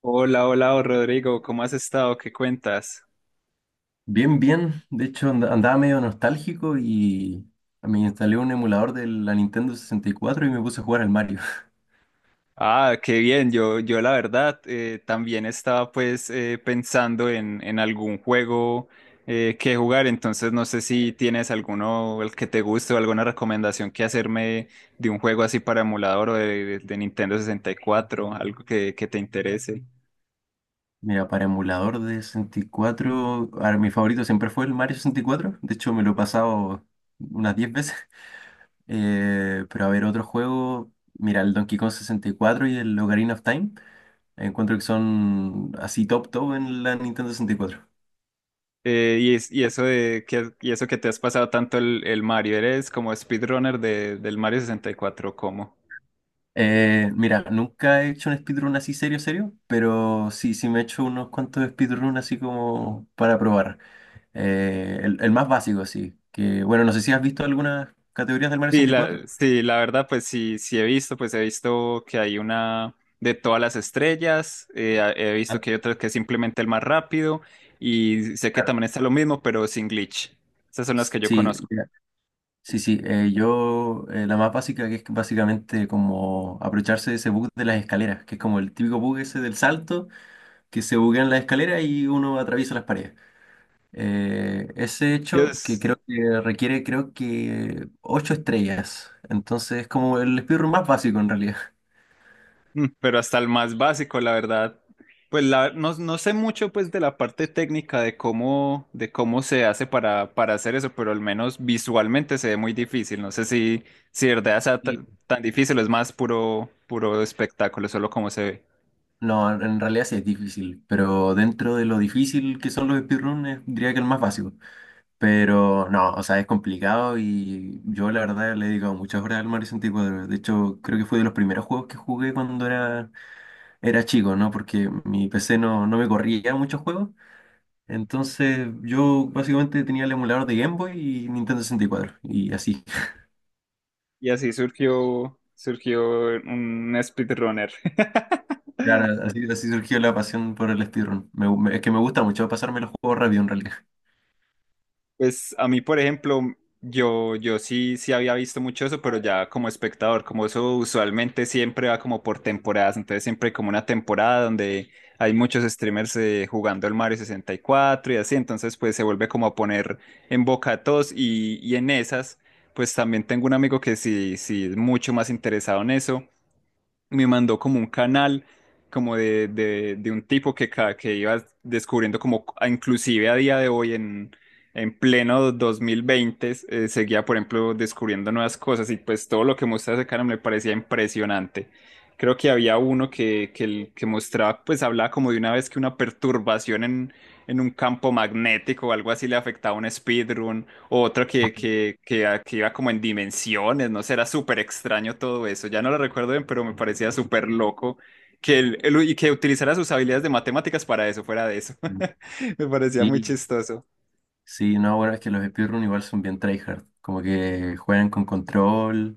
Hola, hola, oh, Rodrigo, ¿cómo has estado? ¿Qué cuentas? Bien, bien. De hecho, andaba medio nostálgico y me instalé un emulador de la Nintendo 64 y me puse a jugar al Mario. Ah, qué bien, yo la verdad también estaba pensando en algún juego que jugar, entonces no sé si tienes alguno el que te guste o alguna recomendación que hacerme de un juego así para emulador o de Nintendo 64, algo que te interese. Mira, para emulador de 64, ahora, mi favorito siempre fue el Mario 64. De hecho, me lo he pasado unas 10 veces. Pero a ver, otro juego, mira, el Donkey Kong 64 y el Ocarina of Time. Encuentro que son así top top en la Nintendo 64. Y y eso que te has pasado tanto el Mario, ¿eres como speedrunner del Mario sesenta y cuatro? ¿Cómo? Mira, nunca he hecho un speedrun así serio, serio, pero sí, sí me he hecho unos cuantos speedrun así como para probar. El más básico, sí. Que bueno, no sé si has visto algunas categorías del Mario 64. Sí, la verdad, pues sí he visto, pues he visto que hay una de todas las estrellas, he Ah, visto que hay otra que es simplemente el más rápido, y sé que claro. también está lo mismo, pero sin glitch. Esas son las que yo Sí, conozco. mira, sí, sí. La más básica, que es básicamente como aprovecharse de ese bug de las escaleras, que es como el típico bug ese del salto, que se buguean las escaleras y uno atraviesa las paredes. Ese Yo, hecho que creo que requiere, creo que, 8 estrellas. Entonces es como el speedrun más básico en realidad. Pero hasta el más básico, la verdad. No, no sé mucho pues de la parte técnica de cómo se hace para hacer eso, pero al menos visualmente se ve muy difícil. No sé si, si de verdad sea Sí. tan difícil, es más puro, puro espectáculo, solo cómo se ve. No, en realidad sí es difícil, pero dentro de lo difícil que son los speedruns, diría que el más básico. Pero no, o sea, es complicado y yo la verdad le he dedicado muchas horas al Mario 64. De hecho, creo que fue de los primeros juegos que jugué cuando era chico, ¿no? Porque mi PC no, no me corría muchos juegos. Entonces yo básicamente tenía el emulador de Game Boy y Nintendo 64 y cuatro. Y así. Y así surgió, surgió un speedrunner. Claro, así, así surgió la pasión por el speedrun. Es que me gusta mucho pasarme los juegos rápido en realidad. Pues a mí, por ejemplo, yo sí había visto mucho eso, pero ya como espectador, como eso usualmente siempre va como por temporadas, entonces siempre hay como una temporada donde hay muchos streamers jugando el Mario 64 y cuatro y así, entonces pues se vuelve como a poner en boca de todos y en esas, pues también tengo un amigo que sí es mucho más interesado en eso. Me mandó como un canal como de un tipo que iba descubriendo como inclusive a día de hoy en pleno 2020 seguía por ejemplo descubriendo nuevas cosas y pues todo lo que mostraba ese canal me parecía impresionante. Creo que había uno que mostraba, pues hablaba como de una vez que una perturbación en un campo magnético o algo así le afectaba a un speedrun. Otro que iba como en dimensiones, no sé, era súper extraño todo eso. Ya no lo recuerdo bien, pero me parecía súper loco que y que utilizara sus habilidades de matemáticas para eso, fuera de eso. Mm. Me parecía muy Sí, chistoso. sí, no, bueno, es que los speedrun igual son bien tryhard. Como que juegan con control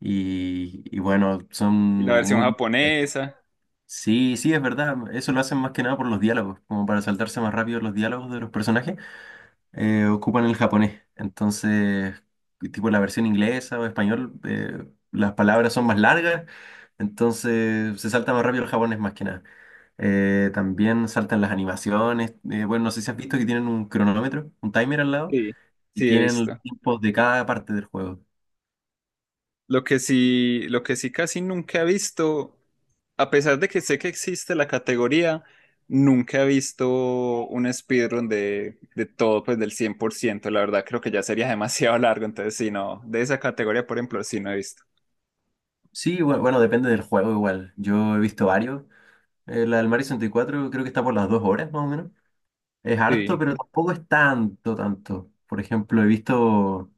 y bueno, son Y la versión muy... japonesa. Sí, sí, es verdad. Eso lo hacen más que nada por los diálogos, como para saltarse más rápido los diálogos de los personajes. Ocupan el japonés. Entonces, tipo la versión inglesa o español, las palabras son más largas, entonces se salta más rápido el japonés más que nada. También saltan las animaciones. Bueno, no sé si has visto que tienen un cronómetro, un timer al lado, Sí. y Sí, he tienen visto. los tiempos de cada parte del juego. Lo que sí casi nunca he visto, a pesar de que sé que existe la categoría, nunca he visto un speedrun de todo, pues del 100%. La verdad creo que ya sería demasiado largo, entonces sí, no, de esa categoría, por ejemplo, sí no he visto. Sí, bueno, depende del juego igual. Yo he visto varios. La del Mario 64 creo que está por las 2 horas más o menos. Es harto, Sí. pero tampoco es tanto, tanto. Por ejemplo, he visto.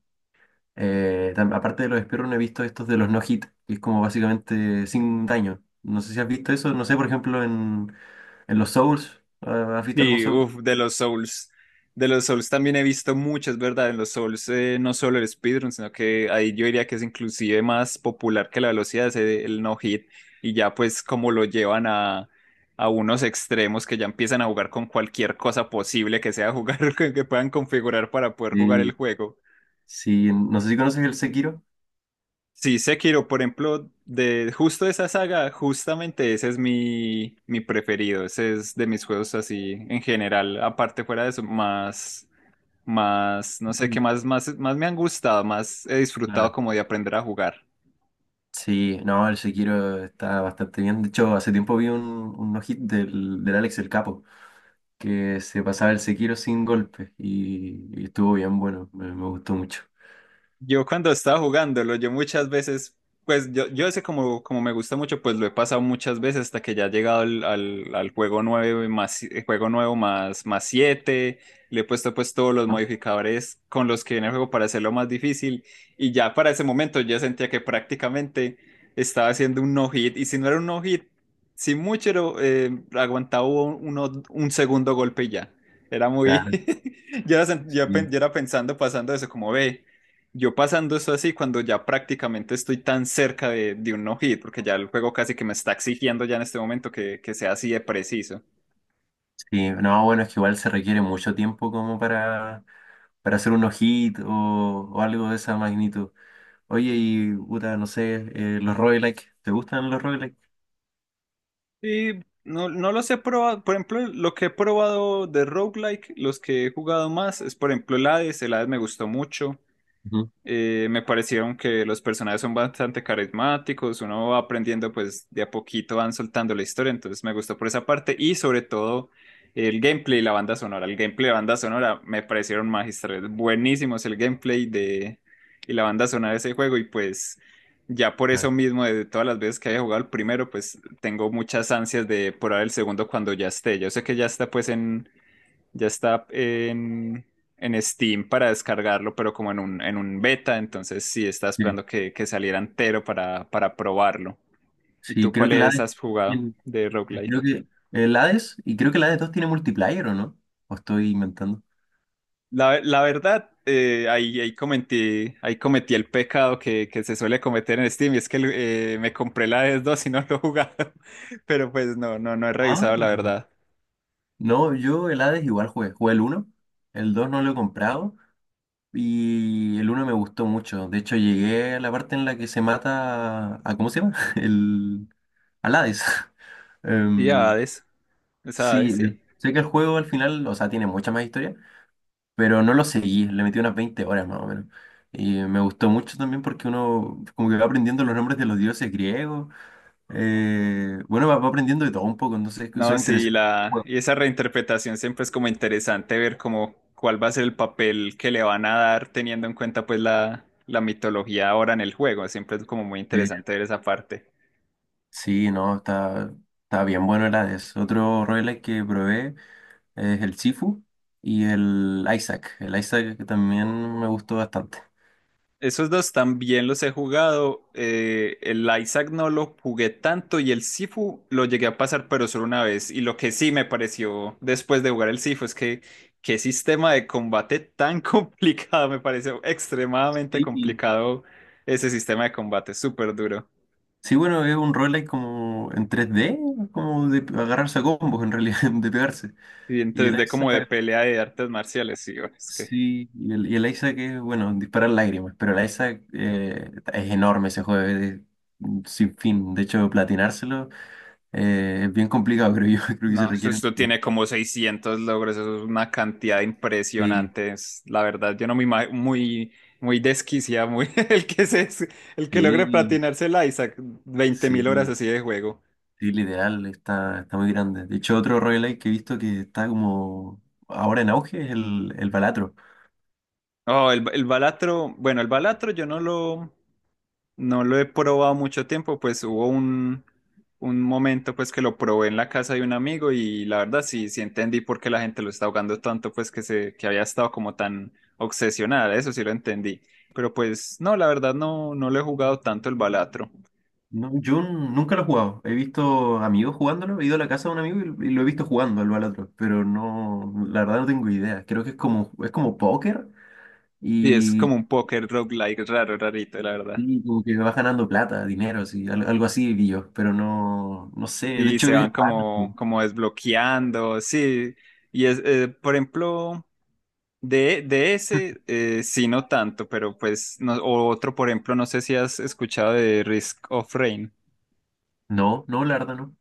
Aparte de los speedrun, he visto estos de los no hit, que es como básicamente sin daño. No sé si has visto eso, no sé, por ejemplo, en los Souls, ah, ¿has visto algún Sí, Souls? uff, de los Souls. De los Souls también he visto muchas, ¿verdad? En los Souls, no solo el speedrun, sino que ahí yo diría que es inclusive más popular que la velocidad, es el no hit. Y ya pues como lo llevan a unos extremos que ya empiezan a jugar con cualquier cosa posible que sea jugar, que puedan configurar para poder jugar el Sí, juego. sí, en- no sé si conoces el Sekiro. Sí, Sekiro, por ejemplo, de justo esa saga, justamente ese es mi preferido. Ese es de mis juegos así en general. Aparte fuera de eso, no sé qué Mm. Más me han gustado, más he disfrutado Claro. como de aprender a jugar. Sí, no, el Sekiro está bastante bien. De hecho, hace tiempo vi un no hit del Alex el Capo, que se pasaba el Sekiro sin golpes y estuvo bien bueno, me gustó mucho. Yo cuando estaba jugándolo, pues yo ese como, como me gusta mucho, pues lo he pasado muchas veces hasta que ya he llegado al juego nueve más, juego nuevo más, más siete, le he puesto pues todos los ¿No? modificadores con los que viene el juego para hacerlo más difícil, y ya para ese momento yo sentía que prácticamente estaba haciendo un no-hit, y si no era un no-hit, sin mucho era, aguantaba un segundo golpe y ya. Era muy… Claro. Yo era pensando, pasando eso, como ve. Yo pasando eso así cuando ya prácticamente estoy tan cerca de un no-hit, porque ya el juego casi que me está exigiendo ya en este momento que sea así de preciso. Sí, no, bueno, es que igual se requiere mucho tiempo como para hacer unos hits o algo de esa magnitud. Oye, y puta, no sé, los roguelike, ¿te gustan los roguelike? Y no, no los he probado, por ejemplo, lo que he probado de roguelike, los que he jugado más, es por ejemplo el Hades me gustó mucho. Ujú, Me parecieron que los personajes son bastante carismáticos, uno va aprendiendo pues de a poquito van soltando la historia, entonces me gustó por esa parte y sobre todo el gameplay y la banda sonora. El gameplay y la banda sonora me parecieron magistrales, buenísimos el gameplay de y la banda sonora de ese juego. Y pues ya por claro. eso mismo de todas las veces que haya jugado el primero pues tengo muchas ansias de probar el segundo cuando ya esté. Yo sé que ya está pues en ya está en Steam para descargarlo, pero como en un beta, entonces sí estaba Sí, esperando que saliera entero para probarlo. ¿Y Sí, tú creo que el cuáles Hades, has jugado tiene- de creo roguelike? que el Hades, y creo que el Hades 2 tiene multiplayer, ¿o no? ¿O estoy inventando? La verdad, ahí, ahí cometí el pecado que se suele cometer en Steam y es que me compré la Hades 2 y no lo he jugado, pero pues no he Ah, revisado la verdad. no, yo el Hades igual jugué, jugué el uno. El 2 no lo he comprado. Y el uno me gustó mucho. De hecho, llegué a la parte en la que se mata a, ¿cómo se llama? El, al Hades. Y Em, Hades, esa sí, Hades sí. Sé que el juego al final, o sea, tiene mucha más historia, pero no lo seguí. Le metí unas 20 horas más o menos. Y me gustó mucho también porque uno como que va aprendiendo los nombres de los dioses griegos. Bueno, va, va aprendiendo de todo un poco, entonces son No, sí, interesantes. la, y esa reinterpretación siempre es como interesante ver como cuál va a ser el papel que le van a dar teniendo en cuenta pues la mitología ahora en el juego. Siempre es como muy Sí, interesante ver esa parte. Sí, no, está, está bien bueno el Hades. Otro roguelike que probé es el Sifu y el Isaac. El Isaac que también me gustó bastante. Esos dos también los he jugado. Eh, el Isaac no lo jugué tanto y el Sifu lo llegué a pasar pero solo una vez. Y lo que sí me pareció después de jugar el Sifu es que qué sistema de combate tan complicado. Me pareció extremadamente Sí. complicado ese sistema de combate, súper duro. Sí, bueno, es un roguelike como en 3D, como de agarrarse a combos en realidad, de pegarse. Y en Y el 3D como de Isaac, pelea de artes marciales, sí, bueno, es que… sí, y el Isaac es, bueno, disparar lágrimas, pero el Isaac es enorme ese juego, es sin fin. De hecho, platinárselo es bien complicado, creo yo, creo que se No, requieren. esto tiene como 600 logros, eso es una cantidad Sí, impresionante. La verdad, yo no me imagino, muy desquiciada, muy, el que se, el que logre sí, platinarse el Isaac, veinte mil horas sí. así de juego. Sí, literal, está, está muy grande. De hecho, otro roguelike que he visto que está como ahora en auge es el Balatro. Oh, el Balatro, bueno, el Balatro yo no lo, no lo he probado mucho tiempo, pues hubo un momento pues que lo probé en la casa de un amigo y la verdad sí entendí por qué la gente lo está jugando tanto, pues que había estado como tan obsesionada, eso sí lo entendí. Pero pues no, la verdad no lo he jugado tanto el Balatro. No, yo nunca lo he jugado. He visto amigos jugándolo, he ido a la casa de un amigo y lo he visto jugando al Balatro, pero no, la verdad no tengo idea. Creo que es como póker Y es como y, un póker roguelike raro, rarito, la verdad. sí, como que vas ganando plata, dinero, sí, algo así vi yo, pero no, no sé. De Y hecho, se es... van raro. como, como desbloqueando, sí. Y es, por ejemplo, de ese, sí, no tanto, pero pues, no- o otro, por ejemplo, no sé si has escuchado de Risk of Rain. No, no, la verdad no.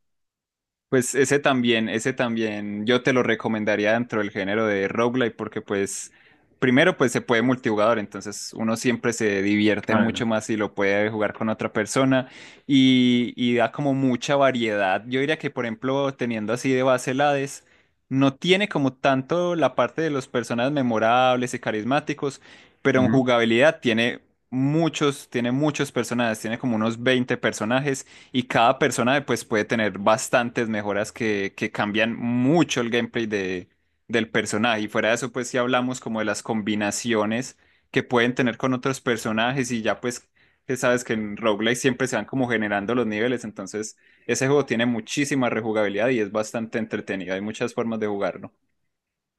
Pues ese también yo te lo recomendaría dentro del género de roguelike porque pues primero pues se puede multijugador, entonces uno siempre se divierte Ah, mucho más si lo puede jugar con otra persona, y da como mucha variedad. Yo diría que por ejemplo teniendo así de base el Hades, no tiene como tanto la parte de los personajes memorables y carismáticos, pero en no. jugabilidad tiene muchos personajes, tiene como unos 20 personajes y cada persona pues puede tener bastantes mejoras que cambian mucho el gameplay del personaje. Y fuera de eso pues si hablamos como de las combinaciones que pueden tener con otros personajes y ya pues que sabes que en roguelike siempre se van como generando los niveles. Entonces ese juego tiene muchísima rejugabilidad y es bastante entretenido. Hay muchas formas de jugarlo.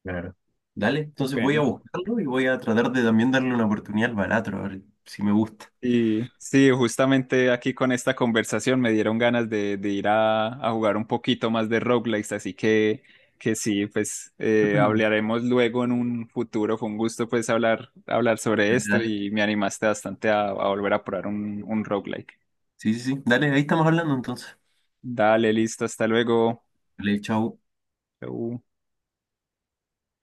Claro. Dale, entonces voy a Bueno. buscarlo y voy a tratar de también darle una oportunidad al Balatro, a ver si me gusta. Y sí, justamente aquí con esta conversación me dieron ganas de ir a jugar un poquito más de roguelikes, así que sí, pues hablaremos luego en un futuro. Fue un gusto pues hablar, hablar sobre Dale, esto dale. y me animaste bastante a volver a probar un roguelike. Sí, sí, sí. Dale, ahí estamos hablando entonces. Dale, listo, hasta luego. Dale, chao. Chau.